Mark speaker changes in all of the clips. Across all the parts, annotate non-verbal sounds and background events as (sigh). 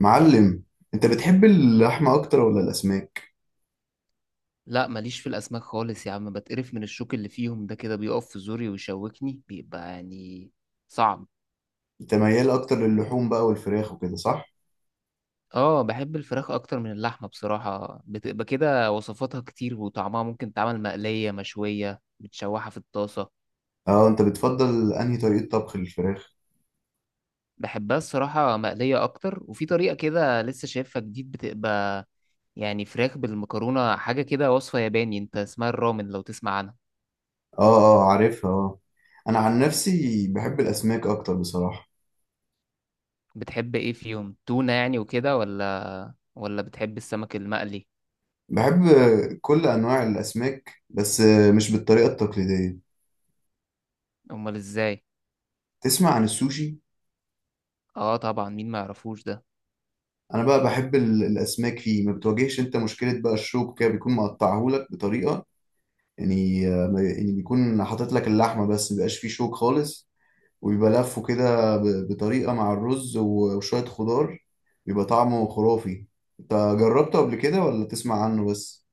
Speaker 1: معلم، انت بتحب اللحمة اكتر ولا الاسماك؟
Speaker 2: لا، ماليش في الاسماك خالص يا عم، بتقرف من الشوك اللي فيهم، ده كده بيقف في زوري ويشوكني، بيبقى يعني صعب.
Speaker 1: انت ميال اكتر للحوم بقى والفراخ وكده، صح؟
Speaker 2: اه، بحب الفراخ اكتر من اللحمه بصراحه، بتبقى كده وصفاتها كتير وطعمها، ممكن تعمل مقليه مشويه متشوحه في الطاسه.
Speaker 1: اه انت بتفضل انهي طريقة طبخ للفراخ
Speaker 2: بحبها الصراحه مقليه اكتر، وفي طريقه كده لسه شايفها جديد، بتبقى يعني فراخ بالمكرونه، حاجه كده وصفه ياباني، انت اسمها الرامن لو تسمع عنها.
Speaker 1: اه اه عارفها، اه. انا عن نفسي بحب الاسماك اكتر بصراحة.
Speaker 2: بتحب ايه فيهم؟ تونه يعني وكده، ولا بتحب السمك المقلي؟
Speaker 1: بحب كل انواع الاسماك، بس مش بالطريقة التقليدية.
Speaker 2: امال ازاي؟
Speaker 1: تسمع عن السوشي؟
Speaker 2: اه طبعا، مين ما يعرفوش ده؟
Speaker 1: انا بقى بحب الاسماك فيه، ما بتواجهش انت مشكلة بقى الشوك، كده بيكون مقطعهولك بطريقة، يعني. يعني بيكون حاطط لك اللحمة بس، مبيبقاش فيه شوك خالص، وبيبقى لفه كده بطريقة مع الرز وشوية خضار. بيبقى طعمه خرافي. انت جربته قبل كده ولا تسمع عنه بس؟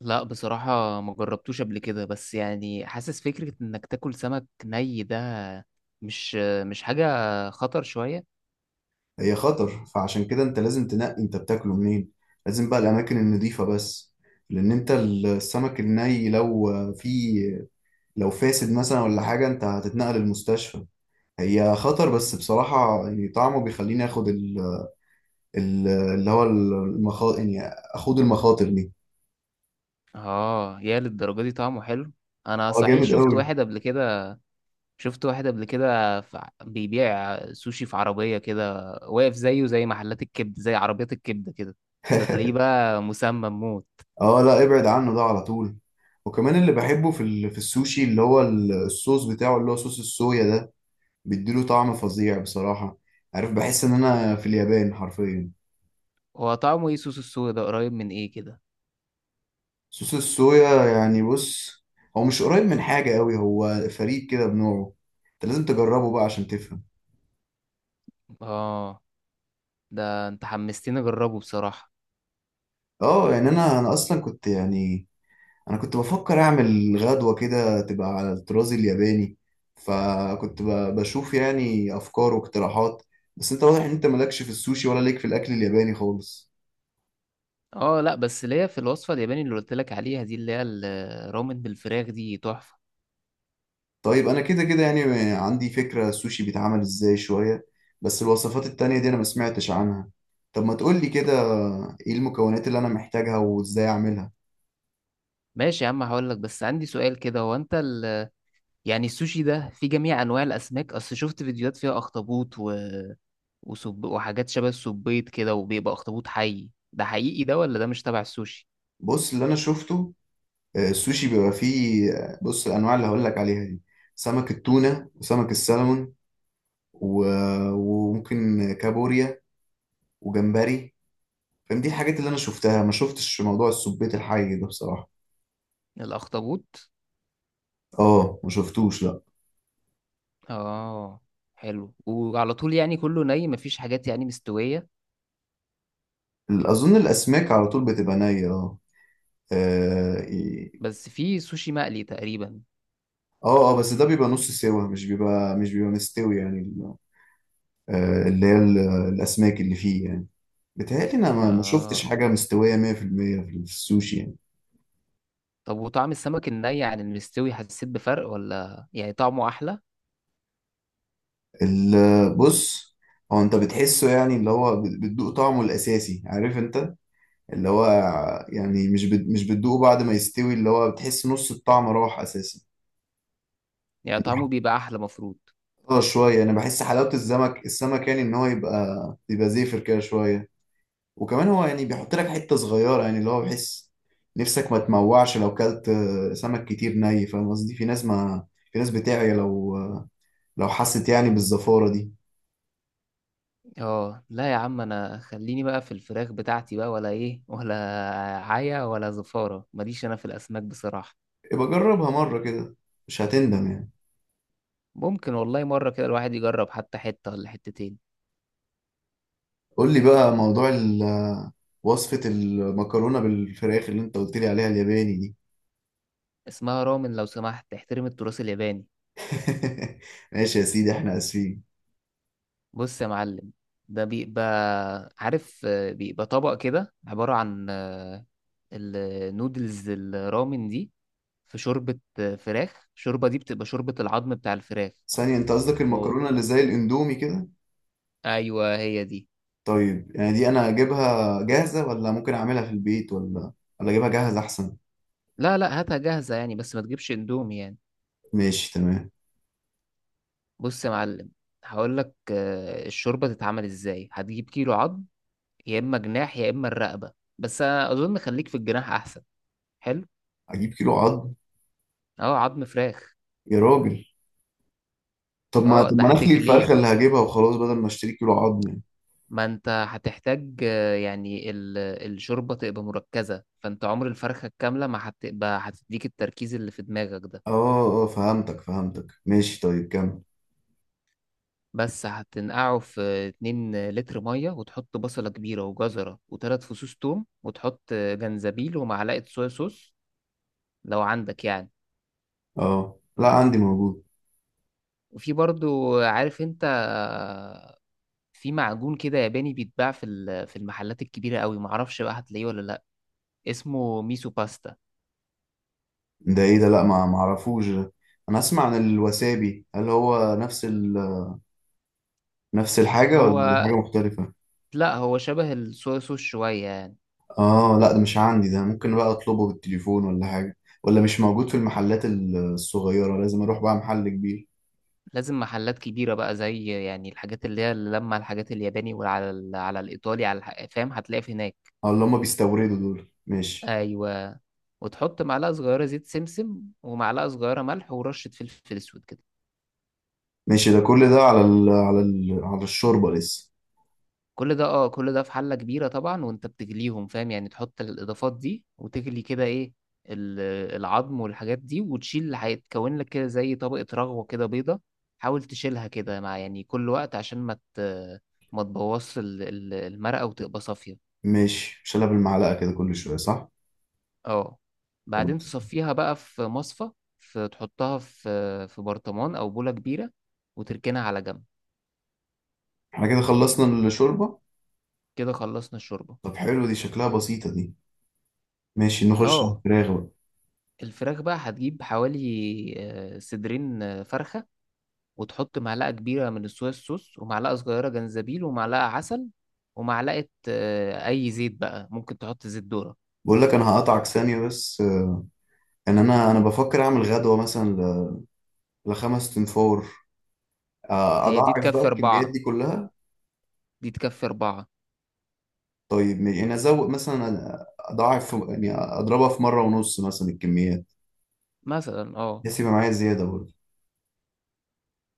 Speaker 2: لا بصراحة ما جربتوش قبل كده، بس يعني حاسس فكرة انك تاكل سمك ني ده مش مش حاجة، خطر شوية.
Speaker 1: هي خطر، فعشان كده انت لازم تنقي انت بتاكله منين. لازم بقى الاماكن النظيفة بس. لان انت السمك الني لو فيه، لو فاسد مثلا ولا حاجة، انت هتتنقل المستشفى. هي خطر، بس بصراحة يعني طعمه بيخليني اخد اللي هو المخاطر، يعني اخد المخاطر دي.
Speaker 2: اه، يا للدرجة دي طعمه حلو؟ انا
Speaker 1: اه،
Speaker 2: صحيح
Speaker 1: جامد
Speaker 2: شفت
Speaker 1: قوي.
Speaker 2: واحد قبل كده شفت واحد قبل كده في بيبيع سوشي في عربية كده واقف، زيه زي محلات الكبد، زي عربيات الكبد كده، ده تلاقيه
Speaker 1: (laughs)
Speaker 2: بقى مسمم موت.
Speaker 1: اه لا، ابعد عنه ده على طول. وكمان اللي بحبه في في السوشي، اللي هو الصوص بتاعه، اللي هو صوص الصويا ده، بيديله طعم فظيع بصراحة. عارف، بحس ان انا في اليابان حرفيا.
Speaker 2: هو طعمه ايه صوص السوي ده؟ قريب من ايه كده؟
Speaker 1: صوص الصويا، يعني بص، هو مش قريب من حاجة قوي، هو فريد كده بنوعه. انت لازم تجربه بقى عشان تفهم.
Speaker 2: اه، ده انت حمستني اجربه بصراحة.
Speaker 1: اه، يعني انا اصلا كنت، يعني انا كنت بفكر اعمل غدوة كده تبقى على الطراز الياباني، فكنت ب- بشوف يعني افكار واقتراحات. بس انت واضح ان انت مالكش في السوشي، ولا ليك في الاكل الياباني خالص.
Speaker 2: اه لا، بس اللي هي في الوصفة الياباني اللي قلت لك عليها دي، اللي هي الرامن بالفراخ، دي تحفة.
Speaker 1: طيب انا كده كده يعني عندي فكرة السوشي بيتعمل ازاي شوية، بس الوصفات التانية دي انا ما سمعتش عنها. طب ما تقولي
Speaker 2: طب
Speaker 1: كده، ايه المكونات اللي انا محتاجها وازاي اعملها؟
Speaker 2: ماشي يا عم، هقول لك، بس عندي سؤال كده. هو انت يعني السوشي ده في جميع انواع الاسماك؟ اصل شفت فيديوهات فيها اخطبوط و وحاجات شبه السبيط كده، وبيبقى اخطبوط حي. ده حقيقي ده ولا ده مش تبع السوشي؟
Speaker 1: بص اللي انا شفته، السوشي بيبقى فيه، بص الانواع اللي هقولك عليها دي: سمك التونة، وسمك السلمون، وممكن كابوريا، وجمبري. فاهم، دي الحاجات اللي انا شفتها، ما شفتش موضوع السبيت الحي ده بصراحة.
Speaker 2: الاخطبوط؟
Speaker 1: اه ما شفتوش، لا.
Speaker 2: اه حلو. وعلى طول يعني كله ني؟ مفيش حاجات يعني مستوية؟
Speaker 1: اظن الاسماك على طول بتبقى نية، اه. اه إيه.
Speaker 2: بس في سوشي مقلي تقريبا.
Speaker 1: اه، بس ده بيبقى نص سوا، مش بيبقى مستوي، يعني اللي هي الاسماك اللي فيه يعني. بيتهيألي انا ما شفتش
Speaker 2: اه،
Speaker 1: حاجة مستوية 100% في المية في السوشي يعني.
Speaker 2: طب وطعم السمك الني عن المستوي حسيت بفرق، ولا يعني طعمه احلى؟
Speaker 1: بص، هو انت بتحسه يعني اللي هو بتدوق طعمه الاساسي، عارف انت اللي هو، يعني مش مش بتدوقه بعد ما يستوي، اللي هو بتحس نص الطعم راح اساسا
Speaker 2: يعني طعمه
Speaker 1: يعني.
Speaker 2: بيبقى احلى مفروض.
Speaker 1: حلاوة شويه، انا بحس حلاوه السمك، يعني ان هو يبقى زيفر كده شويه. وكمان هو يعني بيحط لك حته صغيره، يعني اللي هو بحس نفسك ما تموعش لو كلت سمك كتير ني. فاهم قصدي، في ناس ما في ناس بتعيا لو، لو حست يعني بالزفاره دي.
Speaker 2: اه لا يا عم، انا خليني بقى في الفراخ بتاعتي بقى، ولا ايه؟ ولا عيا ولا زفارة، ماليش انا في الاسماك بصراحة.
Speaker 1: يبقى جربها مره كده، مش هتندم يعني.
Speaker 2: ممكن والله، مرة كده الواحد يجرب حتى حتة ولا حتتين.
Speaker 1: قول لي بقى موضوع وصفه المكرونه بالفراخ اللي انت قلت لي عليها الياباني دي.
Speaker 2: اسمها رامن لو سمحت، احترم التراث الياباني.
Speaker 1: (laughs) ماشي يا سيدي، احنا اسفين.
Speaker 2: بص يا معلم، ده بيبقى عارف، بيبقى طبق كده عبارة عن النودلز الرامن دي، في شوربة فراخ. الشوربة دي بتبقى شوربة العظم بتاع الفراخ.
Speaker 1: ثانية، انت قصدك
Speaker 2: أو
Speaker 1: المكرونة اللي زي الاندومي كده؟
Speaker 2: أيوة هي دي.
Speaker 1: طيب يعني دي انا اجيبها جاهزة، ولا ممكن اعملها في البيت، ولا ولا اجيبها جاهزة احسن؟
Speaker 2: لا، لا، هاتها جاهزة يعني، بس ما تجيبش اندومي يعني.
Speaker 1: ماشي، تمام.
Speaker 2: بص يا معلم، هقول لك الشوربة تتعمل ازاي. هتجيب كيلو عظم، يا إما جناح يا إما الرقبة، بس أنا أظن خليك في الجناح أحسن. حلو.
Speaker 1: اجيب كيلو عظم؟
Speaker 2: أه، عظم فراخ.
Speaker 1: يا راجل، طب ما
Speaker 2: أه،
Speaker 1: طب
Speaker 2: ده
Speaker 1: ما انا اخلي
Speaker 2: هتغليه،
Speaker 1: الفرخة اللي هجيبها وخلاص، بدل ما اشتري كيلو عظم يعني.
Speaker 2: ما أنت هتحتاج يعني الشوربة تبقى مركزة، فأنت عمر الفرخة الكاملة ما هتبقى هتديك التركيز اللي في دماغك ده.
Speaker 1: اه اه، فهمتك ماشي، طيب كمل.
Speaker 2: بس هتنقعه في 2 لتر مية، وتحط بصلة كبيرة وجزرة وثلاث فصوص توم، وتحط جنزبيل ومعلقة صويا صوص، لو عندك يعني.
Speaker 1: اه لا، عندي موجود.
Speaker 2: وفي برضو عارف انت، في معجون كده ياباني بيتباع في المحلات الكبيرة قوي، معرفش بقى هتلاقيه ولا لا. اسمه ميسو باستا.
Speaker 1: ده ايه ده؟ لا، ما اعرفوش ده. انا اسمع عن الوسابي، هل هو نفس نفس الحاجة
Speaker 2: هو
Speaker 1: ولا حاجة مختلفة؟
Speaker 2: لا، هو شبه الصويا صوص شوية يعني.
Speaker 1: اه لا، ده مش عندي ده. ممكن بقى اطلبه بالتليفون ولا حاجة؟ ولا مش موجود في المحلات الصغيرة، لازم اروح بقى محل كبير؟
Speaker 2: لازم محلات كبيرة بقى، زي يعني الحاجات اللي هي اللي لما الحاجات الياباني، على الإيطالي فاهم، هتلاقي في هناك.
Speaker 1: اه، اللي هم بيستوردوا دول، ماشي.
Speaker 2: ايوه. وتحط معلقة صغيرة زيت سمسم ومعلقة صغيرة ملح ورشة فلفل اسود كده.
Speaker 1: ماشي، ده كل ده على ال على ال على الشوربة لسه؟
Speaker 2: كل ده في حلة كبيرة طبعا، وانت بتغليهم فاهم، يعني تحط الإضافات دي وتغلي كده، ايه ال- العظم والحاجات دي، وتشيل اللي هيتكون لك كده زي طبقة رغوة كده بيضة. حاول تشيلها كده مع يعني كل وقت، عشان ما تبوظش المرقة، وتبقى صافية.
Speaker 1: ماشي، مش انا بالمعلقة كده كل شوية، صح؟
Speaker 2: اه، بعدين
Speaker 1: خلاص.
Speaker 2: تصفيها بقى في مصفى. تحطها في برطمان او بولة كبيرة، وتركنها على جنب.
Speaker 1: احنا كده خلصنا الشوربة.
Speaker 2: كده خلصنا الشوربة.
Speaker 1: طب حلو، دي شكلها بسيطة دي. ماشي، نخش على
Speaker 2: اه،
Speaker 1: الفراخ بقى.
Speaker 2: الفراخ بقى هتجيب حوالي صدرين فرخة، وتحط معلقة كبيرة من الصويا صوص ومعلقة صغيرة جنزبيل ومعلقة عسل، ومعلقة أي زيت بقى، ممكن تحط زيت ذرة.
Speaker 1: بقول لك، انا هقطعك ثانية بس، ان انا بفكر اعمل غدوة مثلا لخمس تنفور،
Speaker 2: هي دي
Speaker 1: اضاعف بقى
Speaker 2: تكفي
Speaker 1: الكميات
Speaker 2: 4،
Speaker 1: دي كلها.
Speaker 2: دي تكفي أربعة.
Speaker 1: طيب ماشي، يعني ازود مثلا، اضاعف يعني اضربها في مره ونص مثلا الكميات،
Speaker 2: مثلا اه.
Speaker 1: بحيث يبقى معايا زياده برضه.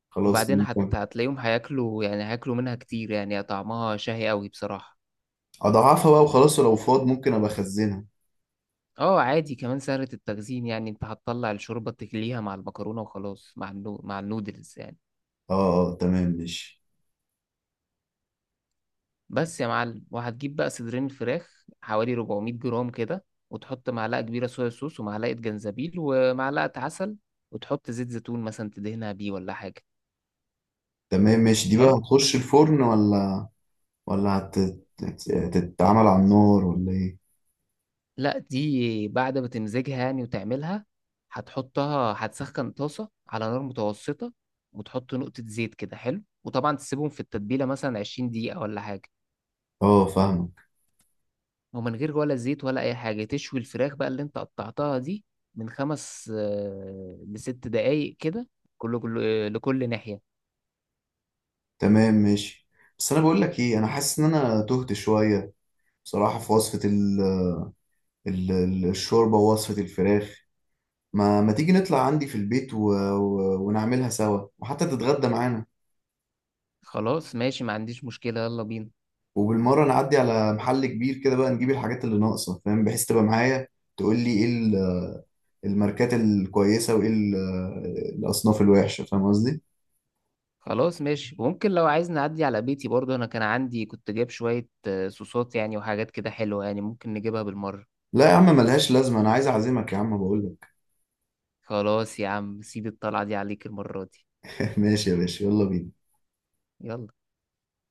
Speaker 1: خلاص
Speaker 2: وبعدين
Speaker 1: ممكن
Speaker 2: هتلاقيهم هياكلوا، يعني هياكلوا منها كتير، يعني طعمها شهي قوي بصراحة.
Speaker 1: اضاعفها بقى وخلاص، ولو فاض ممكن ابقى اخزنها.
Speaker 2: اه عادي، كمان سهلة التخزين يعني، انت هتطلع الشوربة تغليها مع المكرونة وخلاص مع النودلز يعني.
Speaker 1: اه اه، تمام ماشي.
Speaker 2: بس يا معلم، وهتجيب بقى صدرين الفراخ حوالي 400 جرام كده، وتحط معلقة كبيرة صويا صوص ومعلقة جنزبيل ومعلقة عسل، وتحط زيت زيتون مثلا تدهنها بيه ولا حاجة.
Speaker 1: تمام ماشي، دي بقى
Speaker 2: حلو.
Speaker 1: هتخش الفرن، ولا ولا هت- هتتعمل على النار ولا ايه؟
Speaker 2: لا، دي بعد ما تمزجها يعني وتعملها، هتحطها، هتسخن طاسة على نار متوسطة، وتحط نقطة زيت كده، حلو، وطبعا تسيبهم في التتبيلة مثلا 20 دقيقة ولا حاجة.
Speaker 1: اه، فاهمك.
Speaker 2: ومن غير ولا زيت ولا اي حاجه، تشوي الفراخ بقى اللي انت قطعتها دي، من 5 لست دقايق كده، كل كل آه، لكل ناحيه.
Speaker 1: تمام ماشي. بس انا بقول لك ايه، انا حاسس ان انا تهت شويه بصراحه، في وصفه الشوربه ووصفه الفراخ. ما تيجي نطلع عندي في البيت ونعملها سوا، وحتى تتغدى معانا.
Speaker 2: خلاص ماشي، ما عنديش مشكله، يلا بينا.
Speaker 1: وبالمرة نعدي على محل كبير كده بقى نجيب الحاجات اللي ناقصة، فاهم، بحيث تبقى معايا تقول لي ايه الماركات الكويسة، وايه الأصناف الوحشة، فاهم قصدي؟
Speaker 2: خلاص ماشي، وممكن لو عايز نعدي على بيتي برضو، انا كان عندي كنت جايب شويه صوصات يعني وحاجات كده حلوه، يعني ممكن نجيبها بالمره.
Speaker 1: لا يا عم، ملهاش لازمة، أنا عايز أعزمك يا عم بقول
Speaker 2: خلاص يا عم، سيب الطلعه دي عليك المره دي.
Speaker 1: لك. (laughs) ماشي يا باشا، يلا بينا.
Speaker 2: يلا.